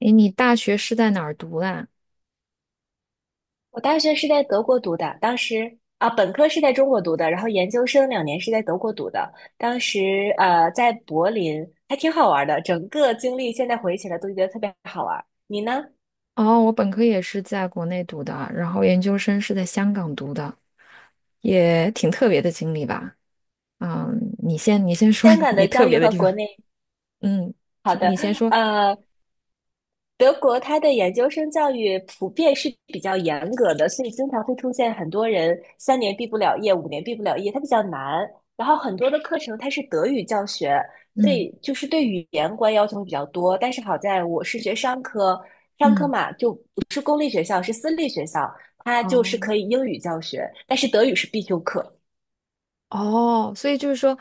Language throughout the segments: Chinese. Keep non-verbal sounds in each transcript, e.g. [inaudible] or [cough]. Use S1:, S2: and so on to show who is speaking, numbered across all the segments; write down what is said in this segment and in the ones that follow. S1: 诶，你大学是在哪儿读的啊？
S2: 我大学是在德国读的，当时啊，本科是在中国读的，然后研究生2年是在德国读的。当时在柏林还挺好玩的，整个经历现在回忆起来都觉得特别好玩。你呢？
S1: 哦，我本科也是在国内读的，然后研究生是在香港读的，也挺特别的经历吧。嗯，你先说
S2: 香
S1: [laughs]
S2: 港
S1: 你
S2: 的
S1: 特
S2: 教育
S1: 别的
S2: 和
S1: 地方。
S2: 国内
S1: 嗯，
S2: 好
S1: 什么？
S2: 的，
S1: 你先说。
S2: 呃，德国它的研究生教育普遍是比较严格的，所以经常会出现很多人3年毕不了业，5年毕不了业，它比较难。然后很多的课程它是德语教学，所
S1: 嗯
S2: 以就是对语言关要求比较多。但是好在我是学商科，商科
S1: 嗯，
S2: 嘛就不是公立学校，是私立学校，它就是
S1: 哦
S2: 可以英语教学，但是德语是必修课。
S1: 哦，所以就是说，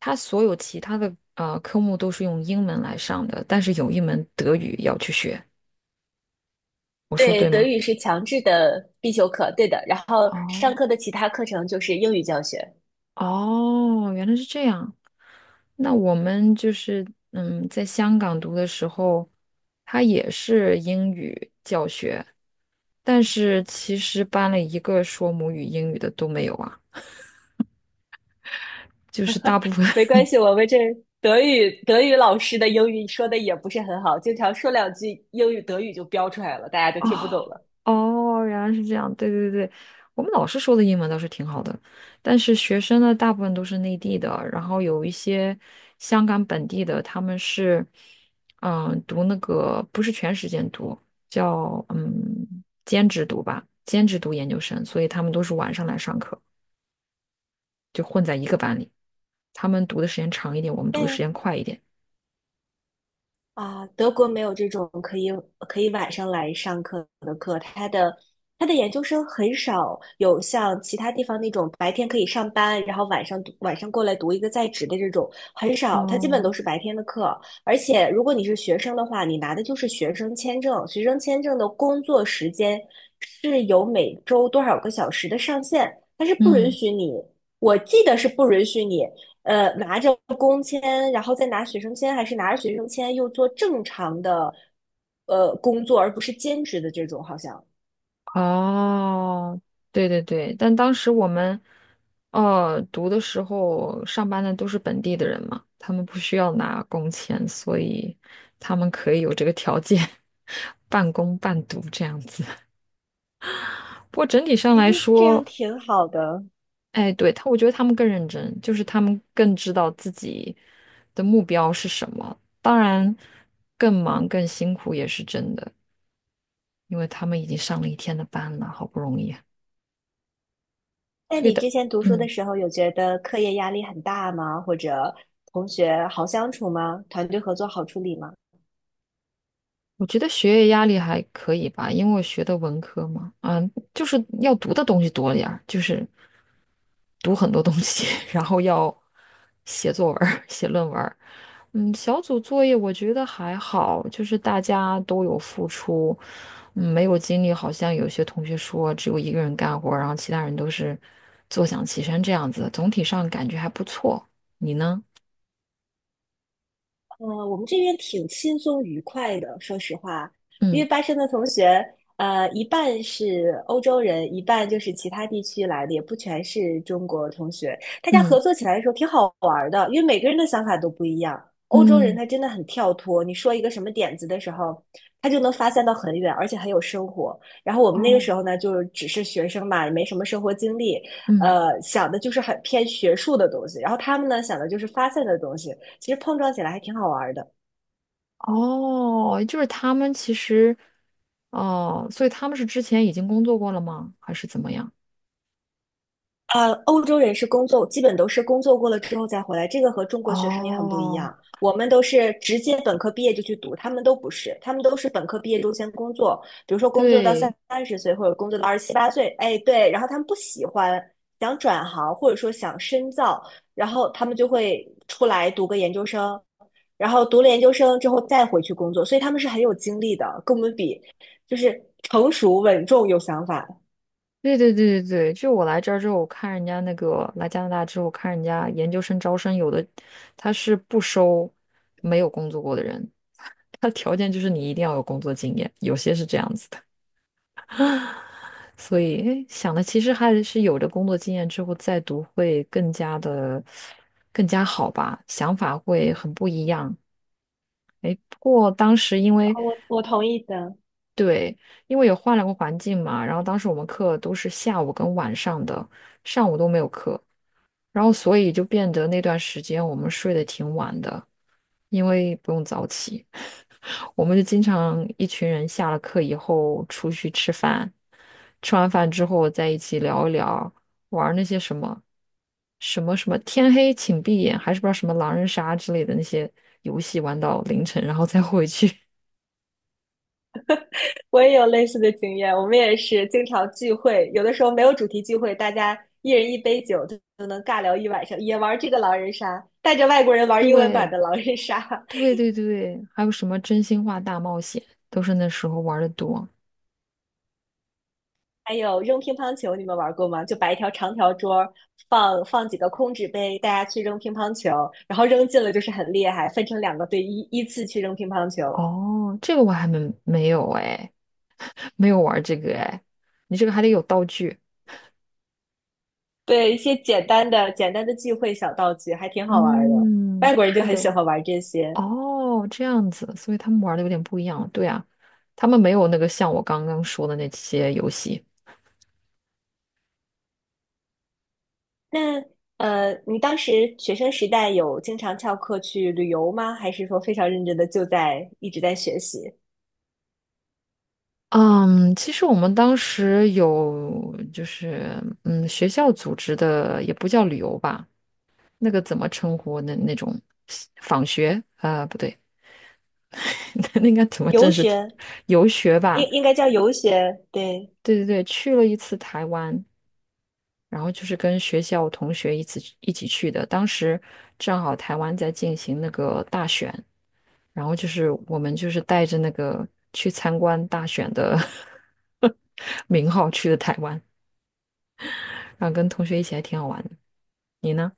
S1: 他所有其他的科目都是用英文来上的，但是有一门德语要去学。我说
S2: 对，
S1: 对
S2: 德
S1: 吗？
S2: 语是强制的必修课，对的。然后上
S1: 哦
S2: 课的其他课程就是英语教学。
S1: 哦，原来是这样。那我们就是在香港读的时候，它也是英语教学，但是其实班里一个说母语英语的都没有啊，就是大部分
S2: 没关系，我们这德语老师的英语说的也不是很好，经常说2句英语德语就飙出来了，大家
S1: [laughs]
S2: 就
S1: 哦，
S2: 听不懂了。
S1: 哦，原来是这样，对对对，我们老师说的英文倒是挺好的，但是学生呢，大部分都是内地的，然后有一些香港本地的，他们是，读那个不是全时间读，叫兼职读吧，兼职读研究生，所以他们都是晚上来上课，就混在一个班里，他们读的时间长一点，我们读的时间快一点。
S2: 啊，德国没有这种可以晚上来上课的课，他的研究生很少有像其他地方那种白天可以上班，然后晚上过来读一个在职的这种很少，他基本都
S1: 哦，
S2: 是白天的课。而且如果你是学生的话，你拿的就是学生签证，学生签证的工作时间是有每周多少个小时的上限，它是不允
S1: 嗯。
S2: 许你，我记得是不允许你拿着工签，然后再拿学生签，还是拿着学生签又做正常的工作，而不是兼职的这种，好像。
S1: 哦，对对对，但当时我们，读的时候上班的都是本地的人嘛，他们不需要拿工钱，所以他们可以有这个条件，[laughs] 半工半读这样子。不过整体上
S2: 其
S1: 来
S2: 实这
S1: 说，
S2: 样挺好的。
S1: 哎，对，他，我觉得他们更认真，就是他们更知道自己的目标是什么。当然，更忙更辛苦也是真的，因为他们已经上了一天的班了，好不容易啊，
S2: 那
S1: 所以
S2: 你
S1: 的，
S2: 之前读书的
S1: 嗯。
S2: 时候，有觉得课业压力很大吗？或者同学好相处吗？团队合作好处理吗？
S1: 我觉得学业压力还可以吧，因为我学的文科嘛，就是要读的东西多点儿，就是读很多东西，[laughs] 然后要写作文儿写论文儿小组作业我觉得还好，就是大家都有付出，没有精力。好像有些同学说只有一个人干活儿然后其他人都是坐享其成这样子，总体上感觉还不错。你呢？
S2: 我们这边挺轻松愉快的，说实话，因
S1: 嗯
S2: 为巴生的同学，一半是欧洲人，一半就是其他地区来的，也不全是中国同学。大家
S1: 嗯
S2: 合作起来的时候挺好玩儿的，因为每个人的想法都不一样。欧洲人
S1: 嗯，
S2: 他真的很跳脱，你说一个什么点子的时候，他就能发散到很远，而且很有生活。然后我们那个
S1: 哦，
S2: 时候呢，就只是学生嘛，也没什么生活经历，
S1: 嗯。
S2: 想的就是很偏学术的东西。然后他们呢，想的就是发现的东西，其实碰撞起来还挺好玩的。
S1: 哦，就是他们其实，哦，所以他们是之前已经工作过了吗？还是怎么样？
S2: 欧洲人是工作，基本都是工作过了之后再回来，这个和中国学生也很不一
S1: 哦，
S2: 样。我们都是直接本科毕业就去读，他们都不是，他们都是本科毕业之后先工作，比如说工作到三
S1: 对，
S2: 三十岁或者工作到二十七八岁，哎，对，然后他们不喜欢，想转行或者说想深造，然后他们就会出来读个研究生，然后读了研究生之后再回去工作，所以他们是很有精力的，跟我们比，就是成熟、稳重、有想法。
S1: 对对对对对，就我来这儿之后，我看人家那个来加拿大之后，看人家研究生招生，有的他是不收没有工作过的人，[laughs] 他条件就是你一定要有工作经验，有些是这样子的。[laughs] 啊，所以诶想的其实还是有了工作经验之后再读会更加好吧，想法会很不一样。哎，不过当时因为
S2: 哦我同意的。
S1: 对，因为也换了个环境嘛，然后当时我们课都是下午跟晚上的，上午都没有课，然后所以就变得那段时间我们睡得挺晚的，因为不用早起。我们就经常一群人下了课以后出去吃饭，吃完饭之后在一起聊一聊，玩儿那些什么天黑请闭眼，还是不知道什么狼人杀之类的那些游戏，玩到凌晨，然后再回去。[laughs]
S2: 我也有类似的经验，我们也是经常聚会，有的时候没有主题聚会，大家一人一杯酒就能尬聊一晚上，也玩这个狼人杀，带着外国人玩英文版
S1: 对
S2: 的狼人杀，
S1: 对对对，还有什么真心话大冒险，都是那时候玩的多。
S2: [laughs] 还有扔乒乓球，你们玩过吗？就摆一条长条桌，放几个空纸杯，大家去扔乒乓球，然后扔进了就是很厉害，分成2个队依次去扔乒乓球。
S1: 哦，这个我还没没有哎，[laughs] 没有玩这个哎，你这个还得有道具。
S2: 对，一些简单的聚会小道具还挺好玩的，
S1: 嗯，
S2: 外国人就
S1: 是
S2: 很喜
S1: 的，
S2: 欢玩这些。
S1: 哦，这样子，所以他们玩的有点不一样。对啊，他们没有那个像我刚刚说的那些游戏。
S2: 那你当时学生时代有经常翘课去旅游吗？还是说非常认真的就在一直在学习？
S1: 嗯，其实我们当时有就是学校组织的，也不叫旅游吧，那个怎么称呼那种访学？啊、不对，[laughs] 那应该怎么
S2: 游
S1: 正式的
S2: 学
S1: 游学
S2: 应
S1: 吧？
S2: 应该叫游学，对，
S1: 对对对，去了一次台湾，然后就是跟学校同学一起去的。当时正好台湾在进行那个大选。然后就是我们就是带着那个去参观大选的 [laughs] 名号去的台湾，然后跟同学一起还挺好玩的。你呢？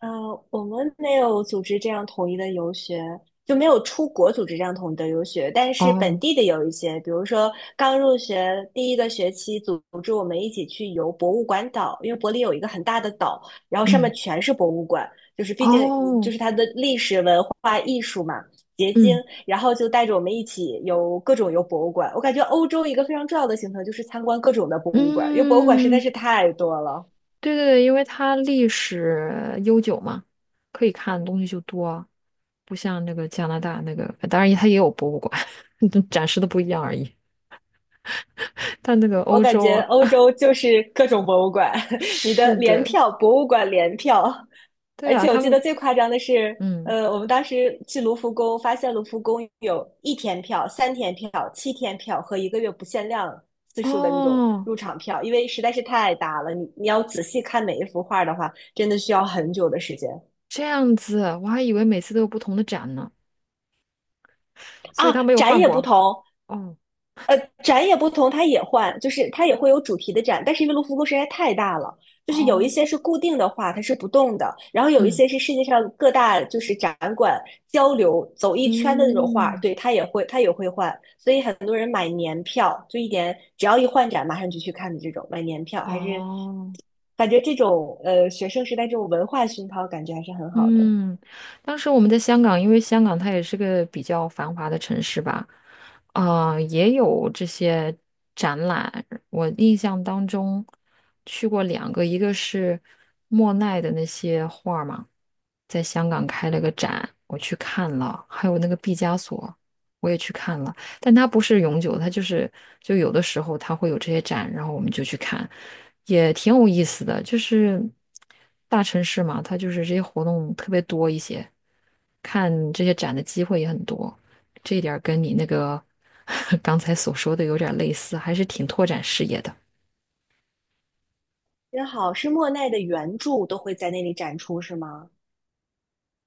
S2: 呃，我们没有组织这样统一的游学，就没有出国组织这样统一的游学，但是本
S1: 哦，
S2: 地的有一些，比如说刚入学第一个学期，组织我们一起去游博物馆岛，因为柏林有一个很大的岛，然后上
S1: 嗯，
S2: 面全是博物馆，毕竟就
S1: 哦，
S2: 是它的历史文化艺术嘛。结晶，
S1: 嗯
S2: 然后就带着我们一起游各种游博物馆。我感觉欧洲一个非常重要的行程就是参观各种的博物馆，因为博物馆实在
S1: 嗯，
S2: 是太多了。
S1: 对对对，因为它历史悠久嘛，可以看的东西就多啊，不像那个加拿大那个，当然它也有博物馆，[laughs] 展示的不一样而已。但那个
S2: 我
S1: 欧
S2: 感
S1: 洲
S2: 觉
S1: 啊，
S2: 欧洲就是各种博物馆，
S1: [laughs]
S2: [laughs] 你的
S1: 是
S2: 联
S1: 的，
S2: 票，博物馆联票。
S1: 对
S2: 而
S1: 啊，
S2: 且我
S1: 他
S2: 记
S1: 们，
S2: 得最夸张的是，
S1: 嗯，
S2: 我们当时去卢浮宫，发现卢浮宫有1天票、3天票、7天票和1个月不限量次数的那种
S1: 哦。
S2: 入场票，因为实在是太大了，你要仔细看每一幅画的话，真的需要很久的时间
S1: 这样子，我还以为每次都有不同的展呢，所以
S2: 啊。
S1: 他没有换过啊。哦
S2: 呃，展也不同，它也换，就是它也会有主题的展，但是因为卢浮宫实在太大了，就是有一
S1: 哦，
S2: 些是固定的画，它是不动的，然后有一
S1: 嗯
S2: 些是世界上各大就是展馆交流走一圈的那种画，
S1: 嗯
S2: 对，它也会换，所以很多人买年票，就一点只要一换展马上就去看的这种，买年票还是
S1: 哦
S2: 感觉这种学生时代这种文化熏陶感觉还是很好的。
S1: 嗯，当时我们在香港，因为香港它也是个比较繁华的城市吧，啊、也有这些展览。我印象当中去过两个，一个是莫奈的那些画儿嘛，在香港开了个展，我去看了，还有那个毕加索，我也去看了，但它不是永久它就有的时候它会有这些展，然后我们就去看，也挺有意思的。就是大城市嘛，它就是这些活动特别多一些，看这些展的机会也很多，这一点儿跟你那个 [laughs] 刚才所说的有点儿类似，还是挺拓展视野的，
S2: 真好，是莫奈的原著都会在那里展出，是吗？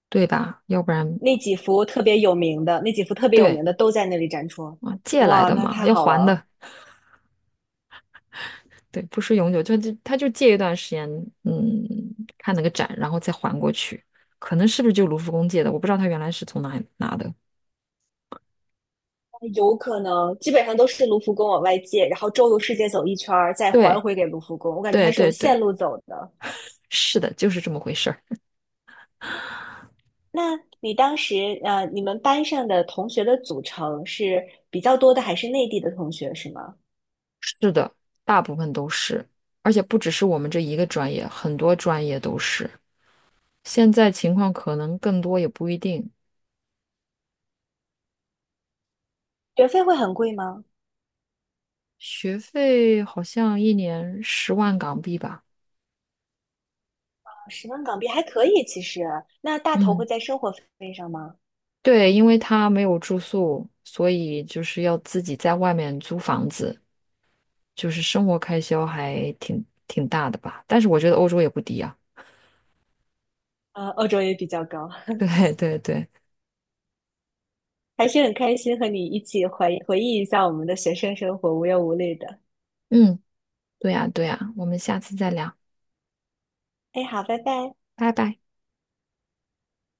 S1: 对吧？要不然
S2: 那几幅特别有
S1: 对
S2: 名的都在那里展出。
S1: 啊，借来
S2: 哇，
S1: 的
S2: 那
S1: 嘛，
S2: 太
S1: 要
S2: 好
S1: 还
S2: 了！
S1: 的。对，不是永久，就他就借一段时间，嗯，看那个展，然后再还过去。可能是不是就卢浮宫借的？我不知道他原来是从哪里拿的。
S2: 有可能基本上都是卢浮宫往外借，然后周游世界走一圈儿，再还
S1: 对，
S2: 回给卢浮宫。我感觉它
S1: 对，
S2: 是有
S1: 对，
S2: 线
S1: 对，
S2: 路走的。
S1: 是的，就是这么回事儿。
S2: 那你当时你们班上的同学的组成是比较多的，还是内地的同学是吗？
S1: 是的，大部分都是，而且不只是我们这一个专业，很多专业都是。现在情况可能更多，也不一定。
S2: 学费会很贵吗？
S1: 学费好像一年10万港币吧。
S2: 啊10万港币还可以，其实。那大头会
S1: 嗯，
S2: 在生活费上吗？
S1: 对，因为他没有住宿，所以就是要自己在外面租房子。就是生活开销还挺大的吧。但是我觉得欧洲也不低啊。
S2: 欧洲也比较高。
S1: [laughs] 对对对，
S2: 还是很开心和你一起回忆一下我们的学生生活，无忧无虑的。
S1: 嗯，对呀对呀，我们下次再聊，
S2: 哎，好，拜拜。
S1: 拜拜。